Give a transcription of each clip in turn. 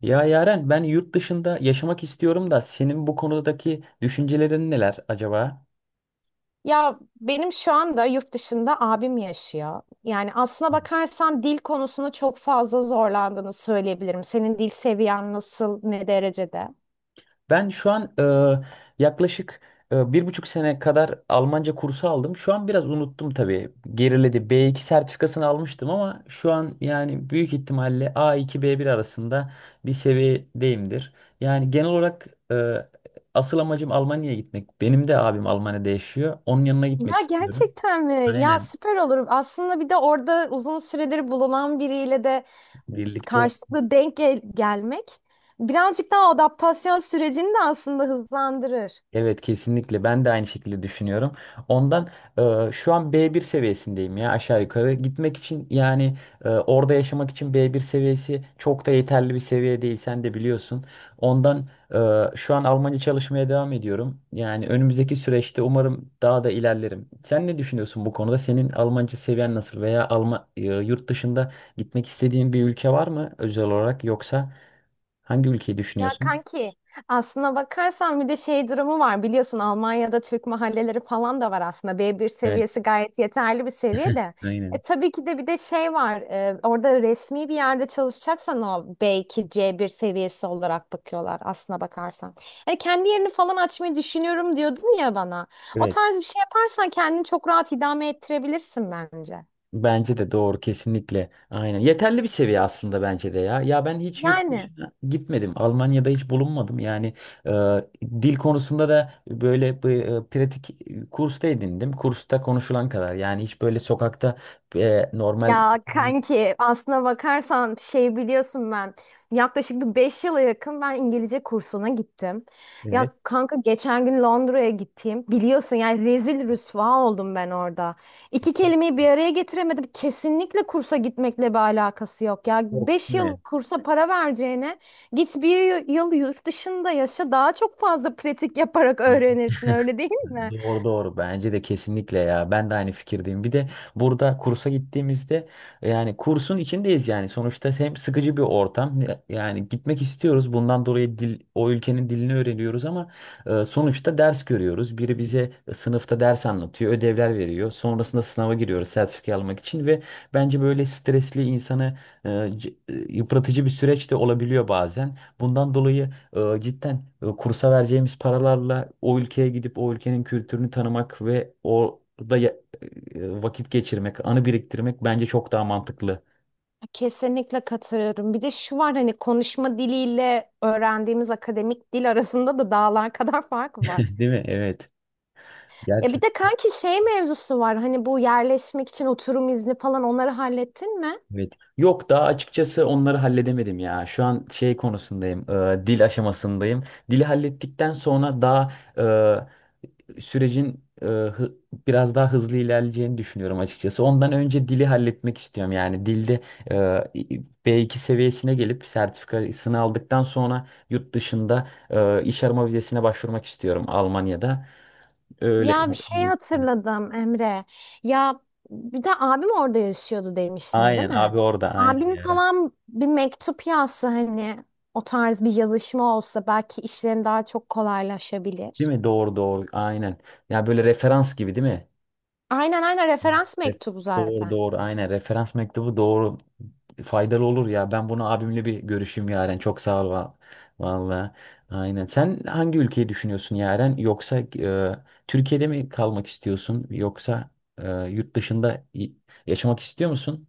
Ya Yaren ben yurt dışında yaşamak istiyorum da senin bu konudaki düşüncelerin neler acaba? Ya benim şu anda yurt dışında abim yaşıyor. Yani aslına bakarsan dil konusunu çok fazla zorlandığını söyleyebilirim. Senin dil seviyen nasıl, ne derecede? Ben şu an yaklaşık 1,5 sene kadar Almanca kursu aldım. Şu an biraz unuttum tabii. Geriledi. B2 sertifikasını almıştım ama şu an yani büyük ihtimalle A2 B1 arasında bir seviyedeyimdir. Yani genel olarak asıl amacım Almanya'ya gitmek. Benim de abim Almanya'da yaşıyor. Onun yanına gitmek Ya istiyorum. gerçekten mi? Ya Aynen. süper olur. Aslında bir de orada uzun süredir bulunan biriyle de Birlikte. karşılıklı gelmek birazcık daha adaptasyon sürecini de aslında hızlandırır. Evet, kesinlikle ben de aynı şekilde düşünüyorum. Ondan şu an B1 seviyesindeyim ya, aşağı yukarı. Gitmek için yani orada yaşamak için B1 seviyesi çok da yeterli bir seviye değil, sen de biliyorsun. Ondan şu an Almanca çalışmaya devam ediyorum. Yani önümüzdeki süreçte umarım daha da ilerlerim. Sen ne düşünüyorsun bu konuda? Senin Almanca seviyen nasıl, veya Alman, yurt dışında gitmek istediğin bir ülke var mı özel olarak, yoksa hangi ülkeyi Ya düşünüyorsun? kanki aslına bakarsan bir de şey durumu var, biliyorsun Almanya'da Türk mahalleleri falan da var, aslında b bir Evet. seviyesi gayet yeterli bir seviye de. Aynen. Tabii ki de bir de şey var, orada resmi bir yerde çalışacaksan o belki c bir seviyesi olarak bakıyorlar aslına bakarsan. Hani kendi yerini falan açmayı düşünüyorum diyordun ya bana, o Evet. tarz bir şey yaparsan kendini çok rahat idame ettirebilirsin bence. Bence de doğru kesinlikle. Aynen. Yeterli bir seviye aslında, bence de ya. Ya ben hiç yurt Yani. dışına gitmedim. Almanya'da hiç bulunmadım. Yani e, dil konusunda da böyle bir, pratik kursta edindim. Kursta konuşulan kadar. Yani hiç böyle sokakta normal. Ya kanki aslına bakarsan şey, biliyorsun ben yaklaşık bir beş yıla yakın İngilizce kursuna gittim. Evet. Ya kanka geçen gün Londra'ya gittiğim biliyorsun, yani rezil rüsva oldum ben orada. İki kelimeyi bir araya getiremedim. Kesinlikle kursa gitmekle bir alakası yok. Ya Yok 5 değil yıl mi? kursa para vereceğine git bir yıl yurt dışında yaşa, daha çok fazla pratik yaparak öğrenirsin, öyle değil mi? Doğru doğru, bence de kesinlikle ya, ben de aynı fikirdeyim. Bir de burada kursa gittiğimizde yani kursun içindeyiz, yani sonuçta hem sıkıcı bir ortam, yani gitmek istiyoruz bundan dolayı dil, o ülkenin dilini öğreniyoruz ama sonuçta ders görüyoruz, biri bize sınıfta ders anlatıyor, ödevler veriyor, sonrasında sınava giriyoruz sertifika almak için. Ve bence böyle stresli, insanı yıpratıcı bir süreç de olabiliyor bazen, bundan dolayı cidden, kursa vereceğimiz paralarla o ülkeye gidip o ülkenin kültürünü tanımak ve orada vakit geçirmek, anı biriktirmek bence çok daha mantıklı. Kesinlikle katılıyorum. Bir de şu var, hani konuşma diliyle öğrendiğimiz akademik dil arasında da dağlar kadar fark var. Değil mi? Evet. Ya bir de Gerçekten. kanki şey mevzusu var. Hani bu yerleşmek için oturum izni falan onları hallettin mi? Evet. Yok, daha açıkçası onları halledemedim ya. Şu an şey konusundayım, dil aşamasındayım. Dili hallettikten sonra daha e, sürecin biraz daha hızlı ilerleyeceğini düşünüyorum açıkçası. Ondan önce dili halletmek istiyorum. Yani dilde B2 seviyesine gelip sertifikasını aldıktan sonra yurt dışında iş arama vizesine başvurmak istiyorum Almanya'da. Öyle. Ya bir şey hatırladım Emre. Ya bir de abim orada yaşıyordu demiştin, değil Aynen mi? abi, orada aynen Abim yani. falan bir mektup yazsa, hani o tarz bir yazışma olsa belki işlerin daha çok Değil kolaylaşabilir. mi? Doğru doğru aynen. Ya böyle referans gibi değil mi? Aynen, aynen, referans Evet, mektubu doğru zaten. doğru aynen, referans mektubu doğru, faydalı olur ya. Ben bunu abimle bir görüşeyim Yaren, çok sağ ol valla. Aynen, sen hangi ülkeyi düşünüyorsun Yaren, yoksa Türkiye'de mi kalmak istiyorsun, yoksa yurt dışında yaşamak istiyor musun?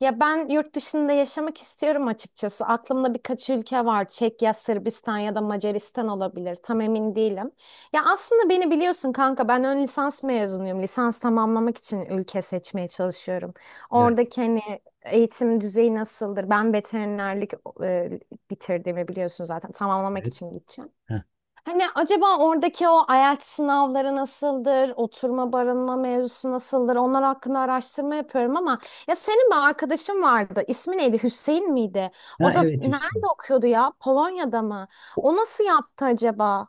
Ya ben yurt dışında yaşamak istiyorum açıkçası. Aklımda birkaç ülke var. Çekya, Sırbistan ya da Macaristan olabilir. Tam emin değilim. Ya aslında beni biliyorsun kanka, ben ön lisans mezunuyum. Lisans tamamlamak için ülke seçmeye çalışıyorum. Evet, Oradaki hani eğitim düzeyi nasıldır? Ben veterinerlik e, bitirdiğimi biliyorsun zaten. Tamamlamak evet. için gideceğim. Ha, Hani acaba oradaki o IELTS sınavları nasıldır, oturma barınma mevzusu nasıldır, onlar hakkında araştırma yapıyorum ama ya senin bir arkadaşın vardı, ismi neydi, Hüseyin miydi? ha O da evet, Hüseyin. nerede okuyordu ya, Polonya'da mı? O- O nasıl yaptı acaba?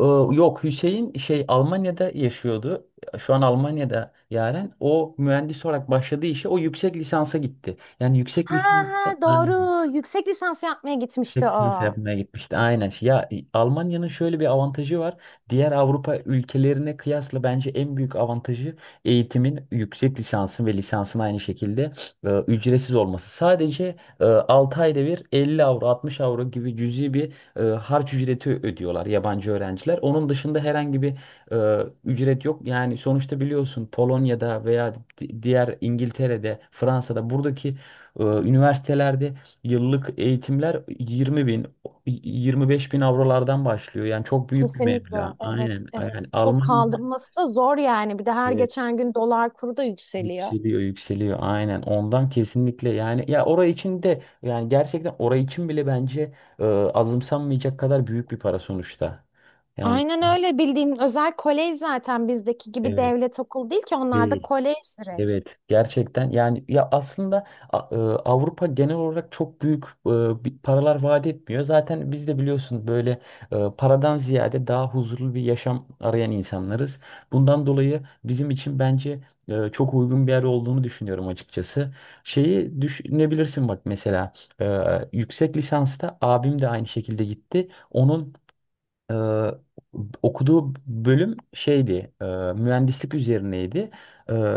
Yok, Hüseyin şey Almanya'da yaşıyordu. Şu an Almanya'da Yaren. O mühendis olarak başladığı işe, o yüksek lisansa gitti. Yani yüksek Ha, lisans ha, doğru, yüksek lisans yapmaya gitmişti Çek seansı o. yapmaya gitmişti. Aynen. Ya Almanya'nın şöyle bir avantajı var. Diğer Avrupa ülkelerine kıyasla bence en büyük avantajı, eğitimin, yüksek lisansın ve lisansın aynı şekilde ücretsiz olması. Sadece 6 ayda bir 50 avro, 60 avro gibi cüzi bir harç ücreti ödüyorlar yabancı öğrenciler. Onun dışında herhangi bir ücret yok. Yani sonuçta biliyorsun, Polonya'da veya diğer, İngiltere'de, Fransa'da buradaki üniversitelerde yıllık eğitimler 20 bin, 25 bin avrolardan başlıyor. Yani çok büyük bir Kesinlikle, meblağ. evet, Aynen. Yani evet. Çok Almanya, kaldırması da zor yani. Bir de her evet, geçen gün dolar kuru da yükseliyor. yükseliyor yükseliyor. Aynen. Ondan kesinlikle yani ya, orayı için de yani, gerçekten orayı için bile bence azımsanmayacak kadar büyük bir para sonuçta. Yani Aynen öyle, bildiğin özel kolej zaten, bizdeki gibi evet, devlet okulu değil ki, onlarda değil. kolej direkt. Evet, gerçekten yani, ya aslında Avrupa genel olarak çok büyük bir paralar vaat etmiyor. Zaten biz de biliyorsun, böyle paradan ziyade daha huzurlu bir yaşam arayan insanlarız. Bundan dolayı bizim için bence çok uygun bir yer olduğunu düşünüyorum açıkçası. Şeyi düşünebilirsin bak mesela, e, yüksek lisansta abim de aynı şekilde gitti. Onun ee, okuduğu bölüm şeydi, mühendislik üzerineydi. Ee,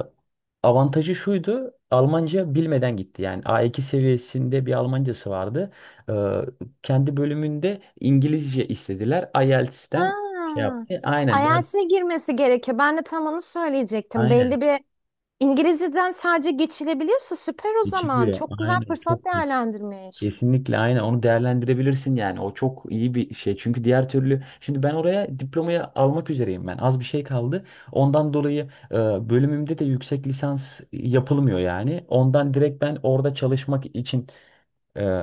avantajı şuydu, Almanca bilmeden gitti. Yani A2 seviyesinde bir Almancası vardı. Ee, kendi bölümünde İngilizce istediler. Ha, IELTS'ten şey yaptı. Aynen, ders, IELTS'e girmesi gerekiyor. Ben de tam onu söyleyecektim. aynen. Belli bir İngilizceden sadece geçilebiliyorsa süper o zaman. Geçiliyor. Çok güzel Aynen, fırsat çok iyi. değerlendirmiş. Kesinlikle aynen, onu değerlendirebilirsin yani, o çok iyi bir şey. Çünkü diğer türlü şimdi ben oraya diplomayı almak üzereyim, ben az bir şey kaldı, ondan dolayı bölümümde de yüksek lisans yapılmıyor. Yani ondan direkt ben orada çalışmak için e,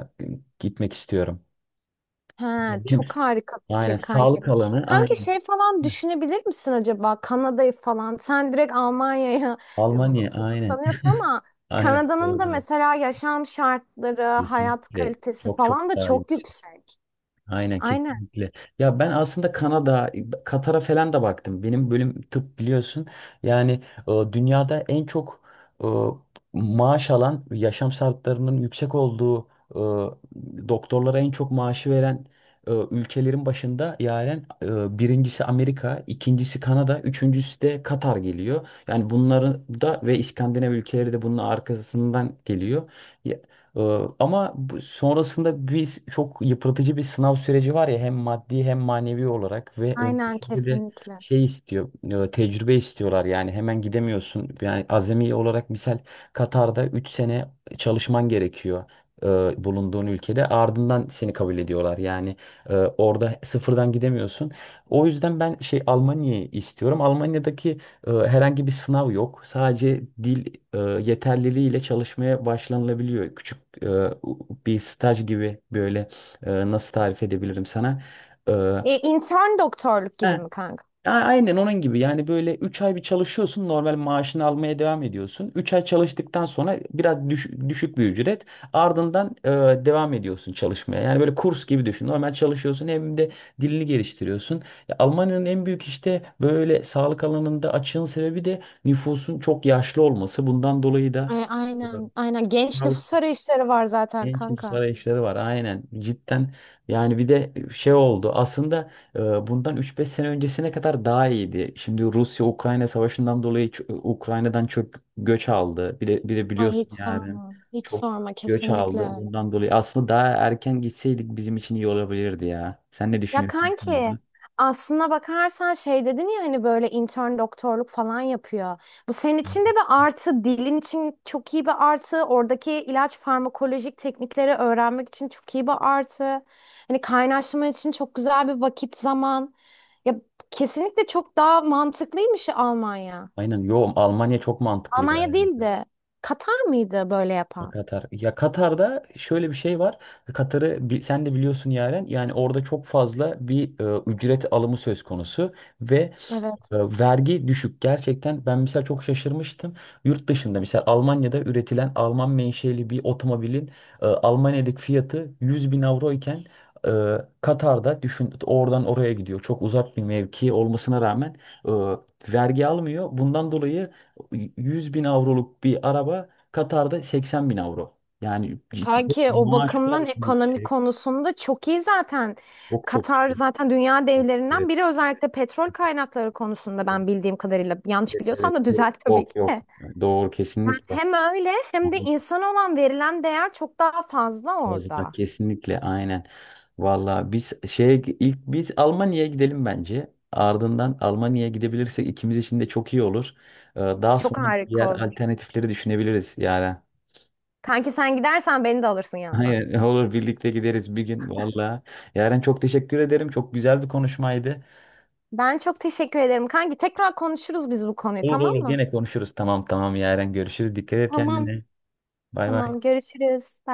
gitmek istiyorum. Ya He, benim, çok harika fikir aynen, kanki. sağlık alanı Kanki aynen. şey falan düşünebilir misin acaba, Kanada'yı falan? Sen direkt Almanya'ya e, Almanya aynen. fokuslanıyorsun ama Aynen. Kanada'nın Doğru, da doğru. mesela yaşam şartları, hayat Kesinlikle kalitesi çok çok falan da daha iyi. çok yüksek. Aynen Aynen, kesinlikle. Ya ben aslında Kanada, Katar'a falan da baktım. Benim bölüm tıp biliyorsun. Yani dünyada en çok e, maaş alan, yaşam şartlarının yüksek olduğu, doktorlara en çok maaşı veren ülkelerin başında, yani birincisi Amerika, ikincisi Kanada, üçüncüsü de Katar geliyor. Yani bunları da, ve İskandinav ülkeleri de bunun arkasından geliyor. Ee, ama sonrasında bir çok yıpratıcı bir sınav süreci var ya, hem maddi hem manevi olarak, ve aynen, öncesinde de kesinlikle. şey istiyor, tecrübe istiyorlar, yani hemen gidemiyorsun. Yani azami olarak, misal, Katar'da 3 sene çalışman gerekiyor, e, bulunduğun ülkede, ardından seni kabul ediyorlar. Yani orada sıfırdan gidemiyorsun. O yüzden ben şey, Almanya'yı istiyorum. Almanya'daki herhangi bir sınav yok. Sadece dil e, yeterliliğiyle çalışmaya başlanılabiliyor. Küçük e, bir staj gibi böyle, nasıl tarif edebilirim sana? E, Intern doktorluk he, gibi mi kanka? Aynen onun gibi yani, böyle 3 ay bir çalışıyorsun, normal maaşını almaya devam ediyorsun. 3 ay çalıştıktan sonra biraz düşük bir ücret, ardından devam ediyorsun çalışmaya. Yani böyle kurs gibi düşün, normal çalışıyorsun, hem de dilini geliştiriyorsun. Ya, Almanya'nın en büyük, işte böyle sağlık alanında açığın sebebi de nüfusun çok yaşlı olması. Bundan dolayı da Ay, aynen, aynen. Genç nüfus arayışları var zaten genç nüfus kanka. arayışları var, aynen, cidden yani. Bir de şey oldu aslında, e, bundan üç beş sene öncesine kadar daha iyiydi. Şimdi Rusya-Ukrayna savaşından dolayı Ukrayna'dan çok göç aldı bir de, bir de Ay, biliyorsun hiç yani, sorma, hiç çok sorma, göç kesinlikle aldı, öyle. bundan dolayı aslında daha erken gitseydik bizim için iyi olabilirdi ya. Sen ne Ya düşünüyorsun bu kanki konuda? aslına bakarsan şey dedin ya, hani böyle intern doktorluk falan yapıyor. Bu senin için de bir artı, dilin için çok iyi bir artı, oradaki ilaç farmakolojik teknikleri öğrenmek için çok iyi bir artı. Hani kaynaşma için çok güzel bir vakit zaman. Ya kesinlikle çok daha mantıklıymış Almanya. Aynen, yo, Almanya çok mantıklı Almanya yani. değil de Katar mıydı böyle Ya yapan? Katar. Ya Katar'da şöyle bir şey var. Katar'ı sen de biliyorsun Yaren. Yani orada çok fazla bir ücret alımı söz konusu, ve vergi düşük gerçekten. Ben mesela çok şaşırmıştım, yurt dışında mesela Almanya'da üretilen Alman menşeli bir otomobilin Almanya'daki fiyatı 100 bin avro iken, e, Katar'da düşün, oradan oraya gidiyor, çok uzak bir mevki olmasına rağmen vergi almıyor, bundan dolayı 100 bin avroluk bir araba Katar'da 80 bin avro, yani ciddi Kanki o maaşlar bakımdan ekonomi yüksek, konusunda çok iyi zaten. çok çok Katar şey. zaten dünya devlerinden Evet, biri, özellikle petrol kaynakları konusunda evet, ben bildiğim kadarıyla. Yanlış biliyorsam evet. da Yok, düzelt tabii yok, ki de. yok. Doğru, Yani kesinlikle. hem öyle hem de insan olan verilen değer çok daha fazla Fazla, orada. kesinlikle aynen. Vallahi biz şeye, ilk biz Almanya'ya gidelim bence. Ardından Almanya'ya gidebilirsek ikimiz için de çok iyi olur. Daha Çok sonra harika diğer olur. alternatifleri düşünebiliriz yani. Kanki sen gidersen beni de alırsın yanına. Hayır, olur, birlikte gideriz bir gün vallahi. Yaren çok teşekkür ederim. Çok güzel bir konuşmaydı. Ben çok teşekkür ederim. Kanki tekrar konuşuruz biz bu konuyu, Olur tamam olur, mı? gene konuşuruz. Tamam tamam Yaren, görüşürüz. Dikkat et Tamam. kendine. Bay bay. Tamam, görüşürüz. Bay